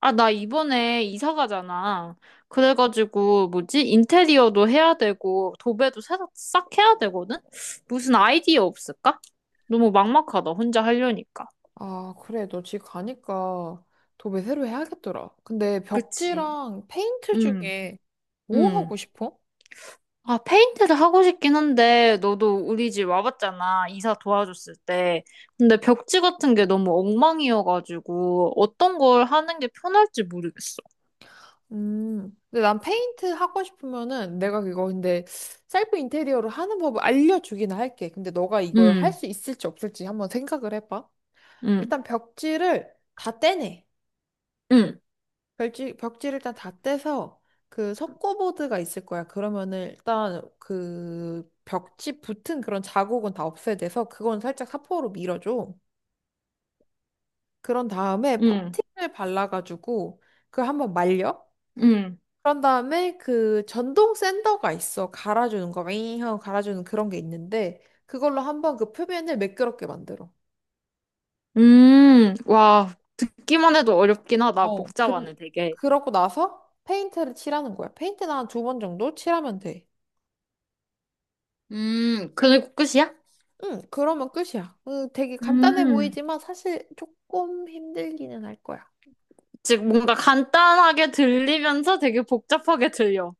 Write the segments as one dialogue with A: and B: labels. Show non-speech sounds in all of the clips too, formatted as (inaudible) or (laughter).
A: 아, 나 이번에 이사 가잖아. 그래가지고, 뭐지? 인테리어도 해야 되고, 도배도 새로 싹 해야 되거든? 무슨 아이디어 없을까? 너무 막막하다, 혼자 하려니까.
B: 아, 그래. 너 집 가니까 도배 새로 해야겠더라. 근데
A: 그치.
B: 벽지랑 페인트
A: 응,
B: 중에 뭐
A: 응.
B: 하고 싶어?
A: 아, 페인트를 하고 싶긴 한데, 너도 우리 집 와봤잖아. 이사 도와줬을 때. 근데 벽지 같은 게 너무 엉망이어가지고, 어떤 걸 하는 게 편할지 모르겠어.
B: 근데 난 페인트 하고 싶으면은 내가 그거 근데 셀프 인테리어를 하는 법을 알려주긴 할게. 근데 너가 이걸 할
A: 응,
B: 수 있을지 없을지 한번 생각을 해봐.
A: 응,
B: 일단 벽지를 다 떼내.
A: 응,
B: 벽지를 일단 다 떼서 그 석고보드가 있을 거야. 그러면은 일단 그 벽지 붙은 그런 자국은 다 없애야 돼서 그건 살짝 사포로 밀어줘. 그런 다음에
A: 응,
B: 퍼팅을 발라가지고 그 한번 말려?
A: 응.
B: 그런 다음에 그 전동 샌더가 있어. 갈아주는 거, 윙 하고 갈아주는 그런 게 있는데 그걸로 한번 그 표면을 매끄럽게 만들어.
A: 와, 듣기만 해도 어렵긴 하다.
B: 어, 근
A: 복잡하네, 되게.
B: 그러고 나서 페인트를 칠하는 거야. 페인트는 한 두 번 정도 칠하면 돼.
A: 그리고 끝이야?
B: 응, 그러면 끝이야. 응, 되게 간단해
A: 음,
B: 보이지만 사실 조금 힘들기는 할 거야.
A: 즉, 뭔가 간단하게 들리면서 되게 복잡하게 들려.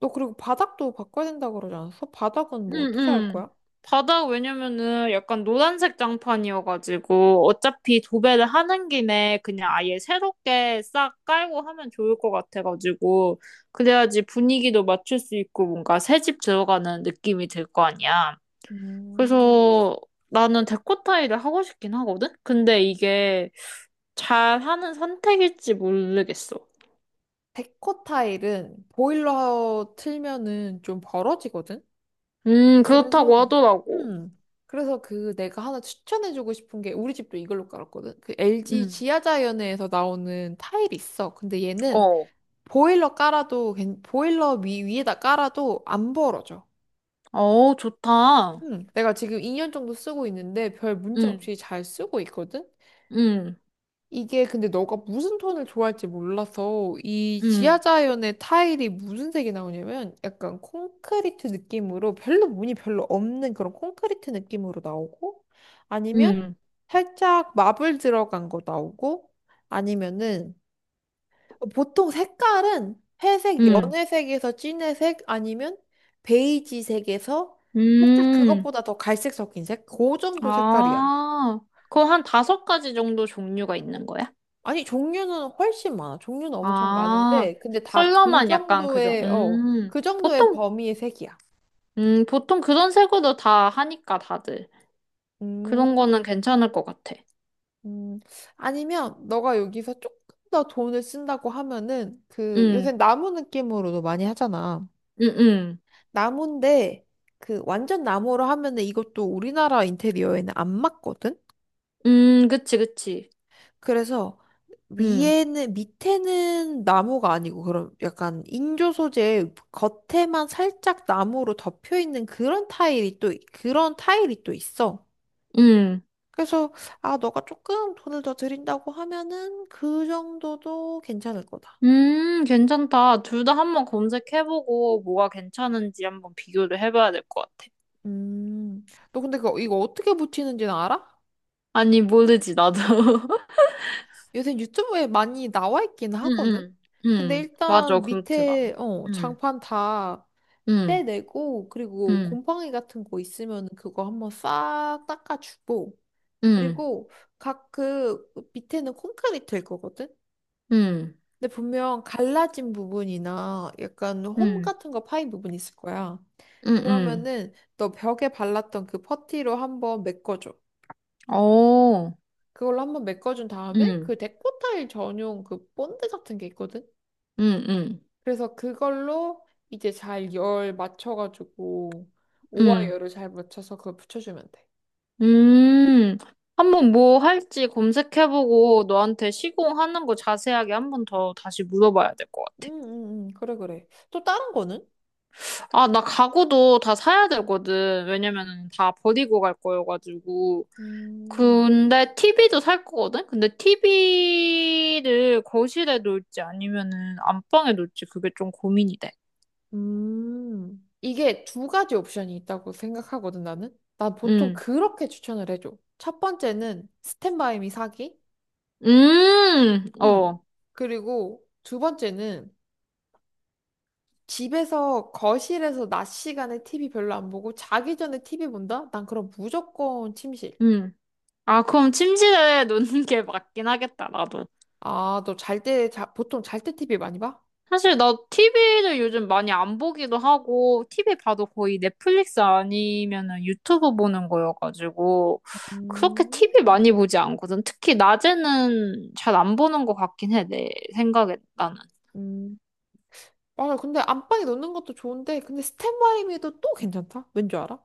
B: 너 그리고 바닥도 바꿔야 된다고 그러지 않았어? 바닥은 뭐
A: 음,
B: 어떻게 할
A: 음.
B: 거야?
A: 바다, 왜냐면은 약간 노란색 장판이어가지고, 어차피 도배를 하는 김에 그냥 아예 새롭게 싹 깔고 하면 좋을 것 같아가지고, 그래야지 분위기도 맞출 수 있고, 뭔가 새집 들어가는 느낌이 들 거 아니야.
B: 음,
A: 그래서 나는 데코타이를 하고 싶긴 하거든? 근데 이게 잘하는 선택일지 모르겠어.
B: 데코 타일은 보일러 틀면은 좀 벌어지거든?
A: 그렇다고
B: 그래서,
A: 하더라고.
B: 음, 그래서 그 내가 하나 추천해주고 싶은 게 우리 집도 이걸로 깔았거든? 그 LG
A: 음,
B: 지하자연에서 나오는 타일이 있어. 근데 얘는
A: 어.
B: 보일러 깔아도, 보일러 위에다 깔아도 안 벌어져.
A: 어, 좋다.
B: 응, 내가 지금 2년 정도 쓰고 있는데 별 문제
A: 음,
B: 없이 잘 쓰고 있거든?
A: 음,
B: 이게 근데 너가 무슨 톤을 좋아할지 몰라서 이
A: 음,
B: 지하자연의 타일이 무슨 색이 나오냐면 약간 콘크리트 느낌으로 별로 무늬 별로 없는 그런 콘크리트 느낌으로 나오고 아니면
A: 음,
B: 살짝 마블 들어간 거 나오고 아니면은 어, 보통 색깔은 회색,
A: 음,
B: 연회색에서 진회색 아니면 베이지색에서 살짝
A: 음.
B: 그것보다 더 갈색 섞인 색? 그 정도 색깔이야.
A: 아, 그거 한 다섯 가지 정도 종류가 있는 거야?
B: 아니, 종류는 훨씬 많아. 종류는 엄청
A: 아,
B: 많은데, 근데 다 그
A: 컬러만 약간 그죠?
B: 정도의, 어, 그 정도의
A: 보통,
B: 범위의 색이야.
A: 보통 그런 색으로 다 하니까 다들.
B: 음,
A: 그런 거는 괜찮을 것 같아.
B: 음. 아니면 너가 여기서 조금 더 돈을 쓴다고 하면은 그 요새
A: 응,
B: 나무 느낌으로도 많이 하잖아.
A: 응, 응.
B: 나무인데 그 완전 나무로 하면은 이것도 우리나라 인테리어에는 안 맞거든?
A: 그치, 그치.
B: 그래서
A: 응,
B: 위에는 밑에는 나무가 아니고 그런 약간 인조 소재 겉에만 살짝 나무로 덮여 있는 그런 타일이 또 그런 타일이 또 있어.
A: 응.
B: 그래서 아 너가 조금 돈을 더 드린다고 하면은 그 정도도 괜찮을 거다.
A: 괜찮다. 둘 다 한번 검색해보고 뭐가 괜찮은지 한번 비교를 해봐야 될 것 같아.
B: 음. 너 근데 이거 어떻게 붙이는지는 알아?
A: 아니, 모르지, 나도. (laughs)
B: 요새 유튜브에 많이 나와 있긴
A: 응,
B: 하거든?
A: 응,
B: 근데
A: 응. 맞아,
B: 일단
A: 그렇더라.
B: 밑에, 어,
A: 응,
B: 장판 다
A: 응,
B: 떼내고, 그리고
A: 응,
B: 곰팡이 같은 거 있으면 그거 한번 싹 닦아주고,
A: 응,
B: 그리고 각 그 밑에는 콘크리트일 거거든?
A: 응,
B: 근데 분명 갈라진 부분이나 약간 홈
A: 응,
B: 같은 거 파인 부분 있을 거야.
A: 응, 응.
B: 그러면은 너 벽에 발랐던 그 퍼티로 한번 메꿔줘.
A: 오,
B: 그걸로 한번 메꿔준 다음에
A: 응,
B: 그 데코 타일 전용 그 본드 같은 게 있거든?
A: 어, 응, 응,
B: 그래서 그걸로 이제 잘 열 맞춰가지고 오와
A: 응.
B: 열을 잘 맞춰서 그걸 붙여주면 돼.
A: 음, 한번 뭐 할지 검색해보고 너한테 시공하는 거 자세하게 한번 더 다시 물어봐야 될 것 같아.
B: 그래, 그래. 또 다른 거는?
A: 아, 나 가구도 다 사야 되거든. 왜냐면은 다 버리고 갈 거여가지고.
B: 음,
A: 근데 TV도 살 거거든? 근데 TV를 거실에 놓을지 아니면은 안방에 놓을지 그게 좀 고민이 돼.
B: 이게 두 가지 옵션이 있다고 생각하거든, 나는. 난 보통
A: 음,
B: 그렇게 추천을 해줘. 첫 번째는 스탠바이미 사기. 음.
A: 어,
B: 그리고 두 번째는 집에서 거실에서 낮 시간에 TV 별로 안 보고 자기 전에 TV 본다? 난 그럼 무조건 침실.
A: 음. 아, 그럼 침실에 (laughs) 놓는 게 맞긴 하겠다, 나도.
B: 아, 너 잘 때, 자, 보통 잘 때 TV 많이 봐?
A: 사실 나 TV를 요즘 많이 안 보기도 하고, TV 봐도 거의 넷플릭스 아니면은 유튜브 보는 거여가지고, 그렇게 TV
B: 음,
A: 많이 보지 않거든. 특히 낮에는 잘 안 보는 것 같긴 해, 내 생각에, 나는.
B: 음. 맞아. 근데 안방에 놓는 것도 좋은데, 근데 스탠바이미도 또 괜찮다. 왠 줄 알아?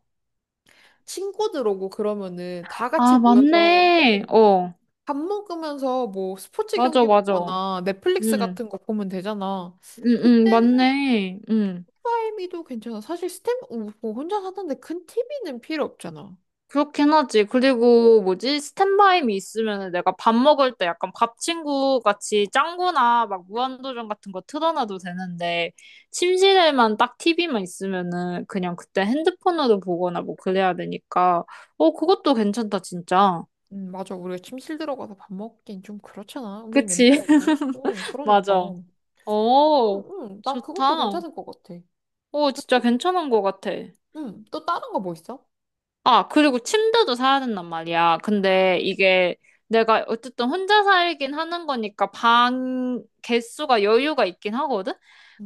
B: 친구들 오고 그러면은 다 같이
A: 아,
B: 모여서
A: 맞네.
B: 어,
A: 어,
B: 밥 먹으면서 뭐 스포츠
A: 맞아,
B: 경기
A: 맞아.
B: 보거나 넷플릭스
A: 응,
B: 같은 거 보면 되잖아.
A: 응, 응,
B: 그때는
A: 맞네. 응.
B: 스탠바이미도 괜찮아. 사실 뭐 혼자 사는데 큰 TV는 필요 없잖아.
A: 그렇긴 하지. 그리고 뭐지? 스탠바이미 있으면 내가 밥 먹을 때 약간 밥 친구 같이 짱구나 막 무한도전 같은 거 틀어놔도 되는데 침실에만 딱 TV만 있으면은 그냥 그때 핸드폰으로 보거나 뭐 그래야 되니까 어 그것도 괜찮다 진짜.
B: 맞아. 우리가 침실 들어가서 밥 먹긴 좀 그렇잖아. 음식
A: 그치?
B: 냄새 맡고. 어,
A: (laughs)
B: 그러니까.
A: 맞아.
B: 응,
A: 어
B: 응. 난 그것도
A: 좋다.
B: 괜찮을 것 같아.
A: 어 진짜 괜찮은 것 같아.
B: 응, 또 다른 거 뭐 있어?
A: 아, 그리고 침대도 사야 된단 말이야. 근데 이게 내가 어쨌든 혼자 살긴 하는 거니까 방 개수가 여유가 있긴 하거든?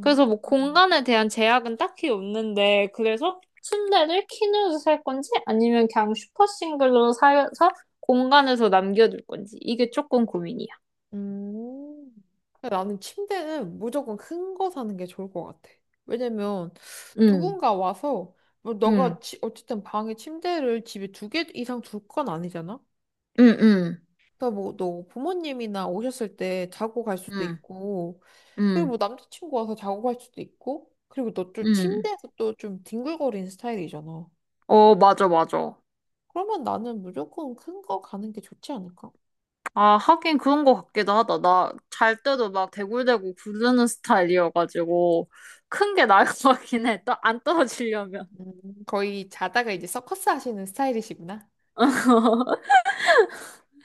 A: 그래서 뭐 공간에 대한 제약은 딱히 없는데, 그래서 침대를 퀸으로 살 건지 아니면 그냥 슈퍼 싱글로 사서 공간에서 남겨둘 건지 이게 조금 고민이야.
B: 음. 근데 나는 침대는 무조건 큰 거 사는 게 좋을 것 같아. 왜냐면
A: 응,
B: 누군가 와서 뭐
A: 응,
B: 너가 어쨌든 방에 침대를 집에 두 개 이상 둘 건 아니잖아.
A: 응, 응,
B: 그러니까 뭐 너 부모님이나 오셨을 때 자고 갈 수도
A: 응,
B: 있고, 그리고
A: 응,
B: 뭐 남자친구 와서 자고 갈 수도 있고, 그리고 너 좀
A: 응.
B: 침대에서 또 좀 뒹굴거리는 스타일이잖아.
A: 어, 맞아, 맞아.
B: 그러면 나는 무조건 큰 거 가는 게 좋지 않을까?
A: 아, 하긴 그런 것 같기도 하다. 나 잘 때도 막 대굴대굴 구르는 스타일이어가지고, 큰 게 나을 (laughs) 것 같긴 해. 안 떨어지려면.
B: 거의 자다가 이제 서커스 하시는 스타일이시구나.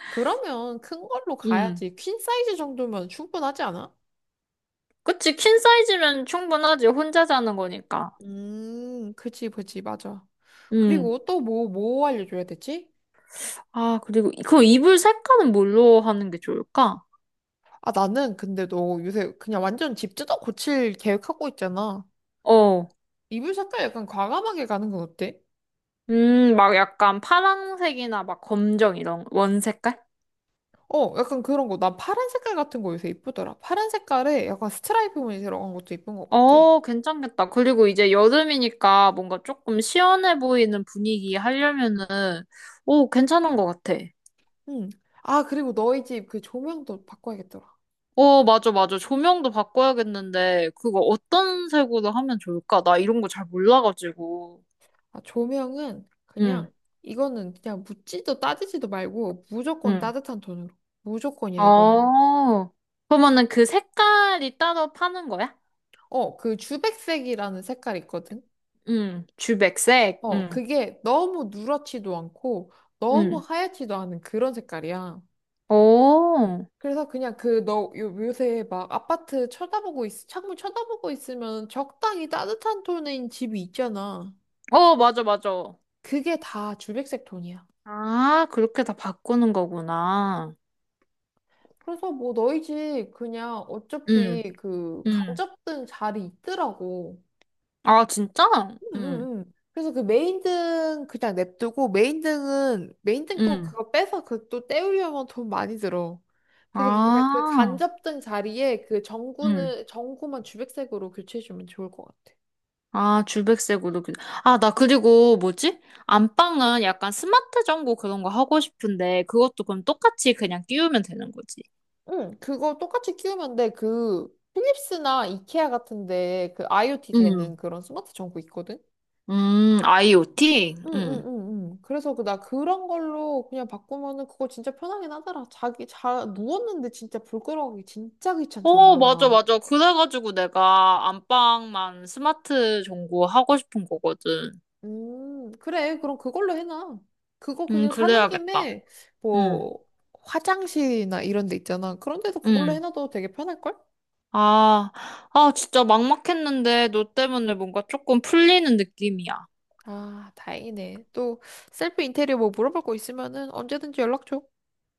B: 그러면 큰 걸로
A: 음.
B: 가야지. 퀸 사이즈 정도면 충분하지 않아?
A: 그치, 퀸 사이즈면 충분하지. 혼자 자는 거니까.
B: 그지, 그지, 맞아.
A: 음.
B: 그리고 또 뭐 알려줘야 되지?
A: 아, 그리고, 그 이불 색깔은 뭘로 하는 게 좋을까?
B: 아, 나는 근데 너 요새 그냥 완전 집 뜯어 고칠 계획하고 있잖아.
A: 어.
B: 이불 색깔 약간 과감하게 가는 건 어때?
A: 막 약간 파란색이나 막 검정 이런 원 색깔?
B: 어, 약간 그런 거. 나 파란 색깔 같은 거 요새 이쁘더라. 파란 색깔에 약간 스트라이프 무늬 들어간 것도 이쁜 것 같아.
A: 어, 괜찮겠다. 그리고 이제 여름이니까 뭔가 조금 시원해 보이는 분위기 하려면은, 오, 괜찮은 것 같아.
B: 응. 아, 그리고 너희 집 그 조명도 바꿔야겠더라.
A: 어, 맞아, 맞아. 조명도 바꿔야겠는데, 그거 어떤 색으로 하면 좋을까? 나 이런 거 잘 몰라가지고.
B: 아, 조명은
A: 응,
B: 그냥 이거는 그냥 묻지도 따지지도 말고 무조건
A: 응.
B: 따뜻한 톤으로. 무조건이야, 이거는.
A: 어, 그러면은 그 색깔이 따로 파는 거야?
B: 어, 그 주백색이라는 색깔 있거든?
A: 응, 주백색,
B: 어,
A: 응,
B: 그게 너무 누렇지도 않고 너무
A: 응.
B: 하얗지도 않은 그런 색깔이야.
A: 오,
B: 그래서 그냥 그 너 요새 막 아파트 쳐다보고 있, 창문 쳐다보고 있으면 적당히 따뜻한 톤인 집이 있잖아.
A: 어, 맞아, 맞아.
B: 그게 다 주백색 톤이야.
A: 아, 그렇게 다 바꾸는 거구나.
B: 그래서 뭐 너희 집 그냥
A: 응,
B: 어차피 그
A: 응.
B: 간접등 자리 있더라고.
A: 아, 진짜? 응,
B: 응응응. 그래서 그 메인등 그냥 냅두고 메인등은 메인등 또
A: 응.
B: 그거 빼서 그 또 떼우려면 돈 많이 들어. 그래서 그냥 그
A: 아,
B: 간접등 자리에 그
A: 응.
B: 전구는 전구만 주백색으로 교체해주면 좋을 것 같아.
A: 아, 줄백색으로. 아, 나 그리고 뭐지? 안방은 약간 스마트 전구 그런 거 하고 싶은데 그것도 그럼 똑같이 그냥 끼우면 되는 거지.
B: 응, 그거 똑같이 끼우면 돼. 그 필립스나 이케아 같은데 그 IoT 되는
A: 음,
B: 그런 스마트 전구 있거든.
A: IoT?
B: 응응응응. 그래서 그 나 그런 걸로 그냥 바꾸면은 그거 진짜 편하긴 하더라. 자기 자 누웠는데 진짜 불 끌어가기 진짜
A: 어, 맞아,
B: 귀찮잖아.
A: 맞아. 그래가지고 내가 안방만 스마트 전구 하고 싶은 거거든.
B: 음, 그래, 그럼 그걸로 해놔. 그거 그냥 사는
A: 그래야겠다.
B: 김에
A: 음,
B: 뭐 화장실이나 이런 데 있잖아. 그런 데도 그걸로
A: 음.
B: 해놔도 되게 편할걸?
A: 아, 아, 진짜 막막했는데 너 때문에 뭔가 조금 풀리는 느낌이야.
B: 아, 다행이네. 또 셀프 인테리어 뭐 물어볼 거 있으면은 언제든지 연락 줘.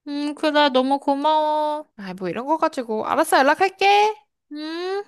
A: 그래. 너무 고마워.
B: 아, 뭐 이런 거 가지고, 알았어, 연락할게.
A: 음.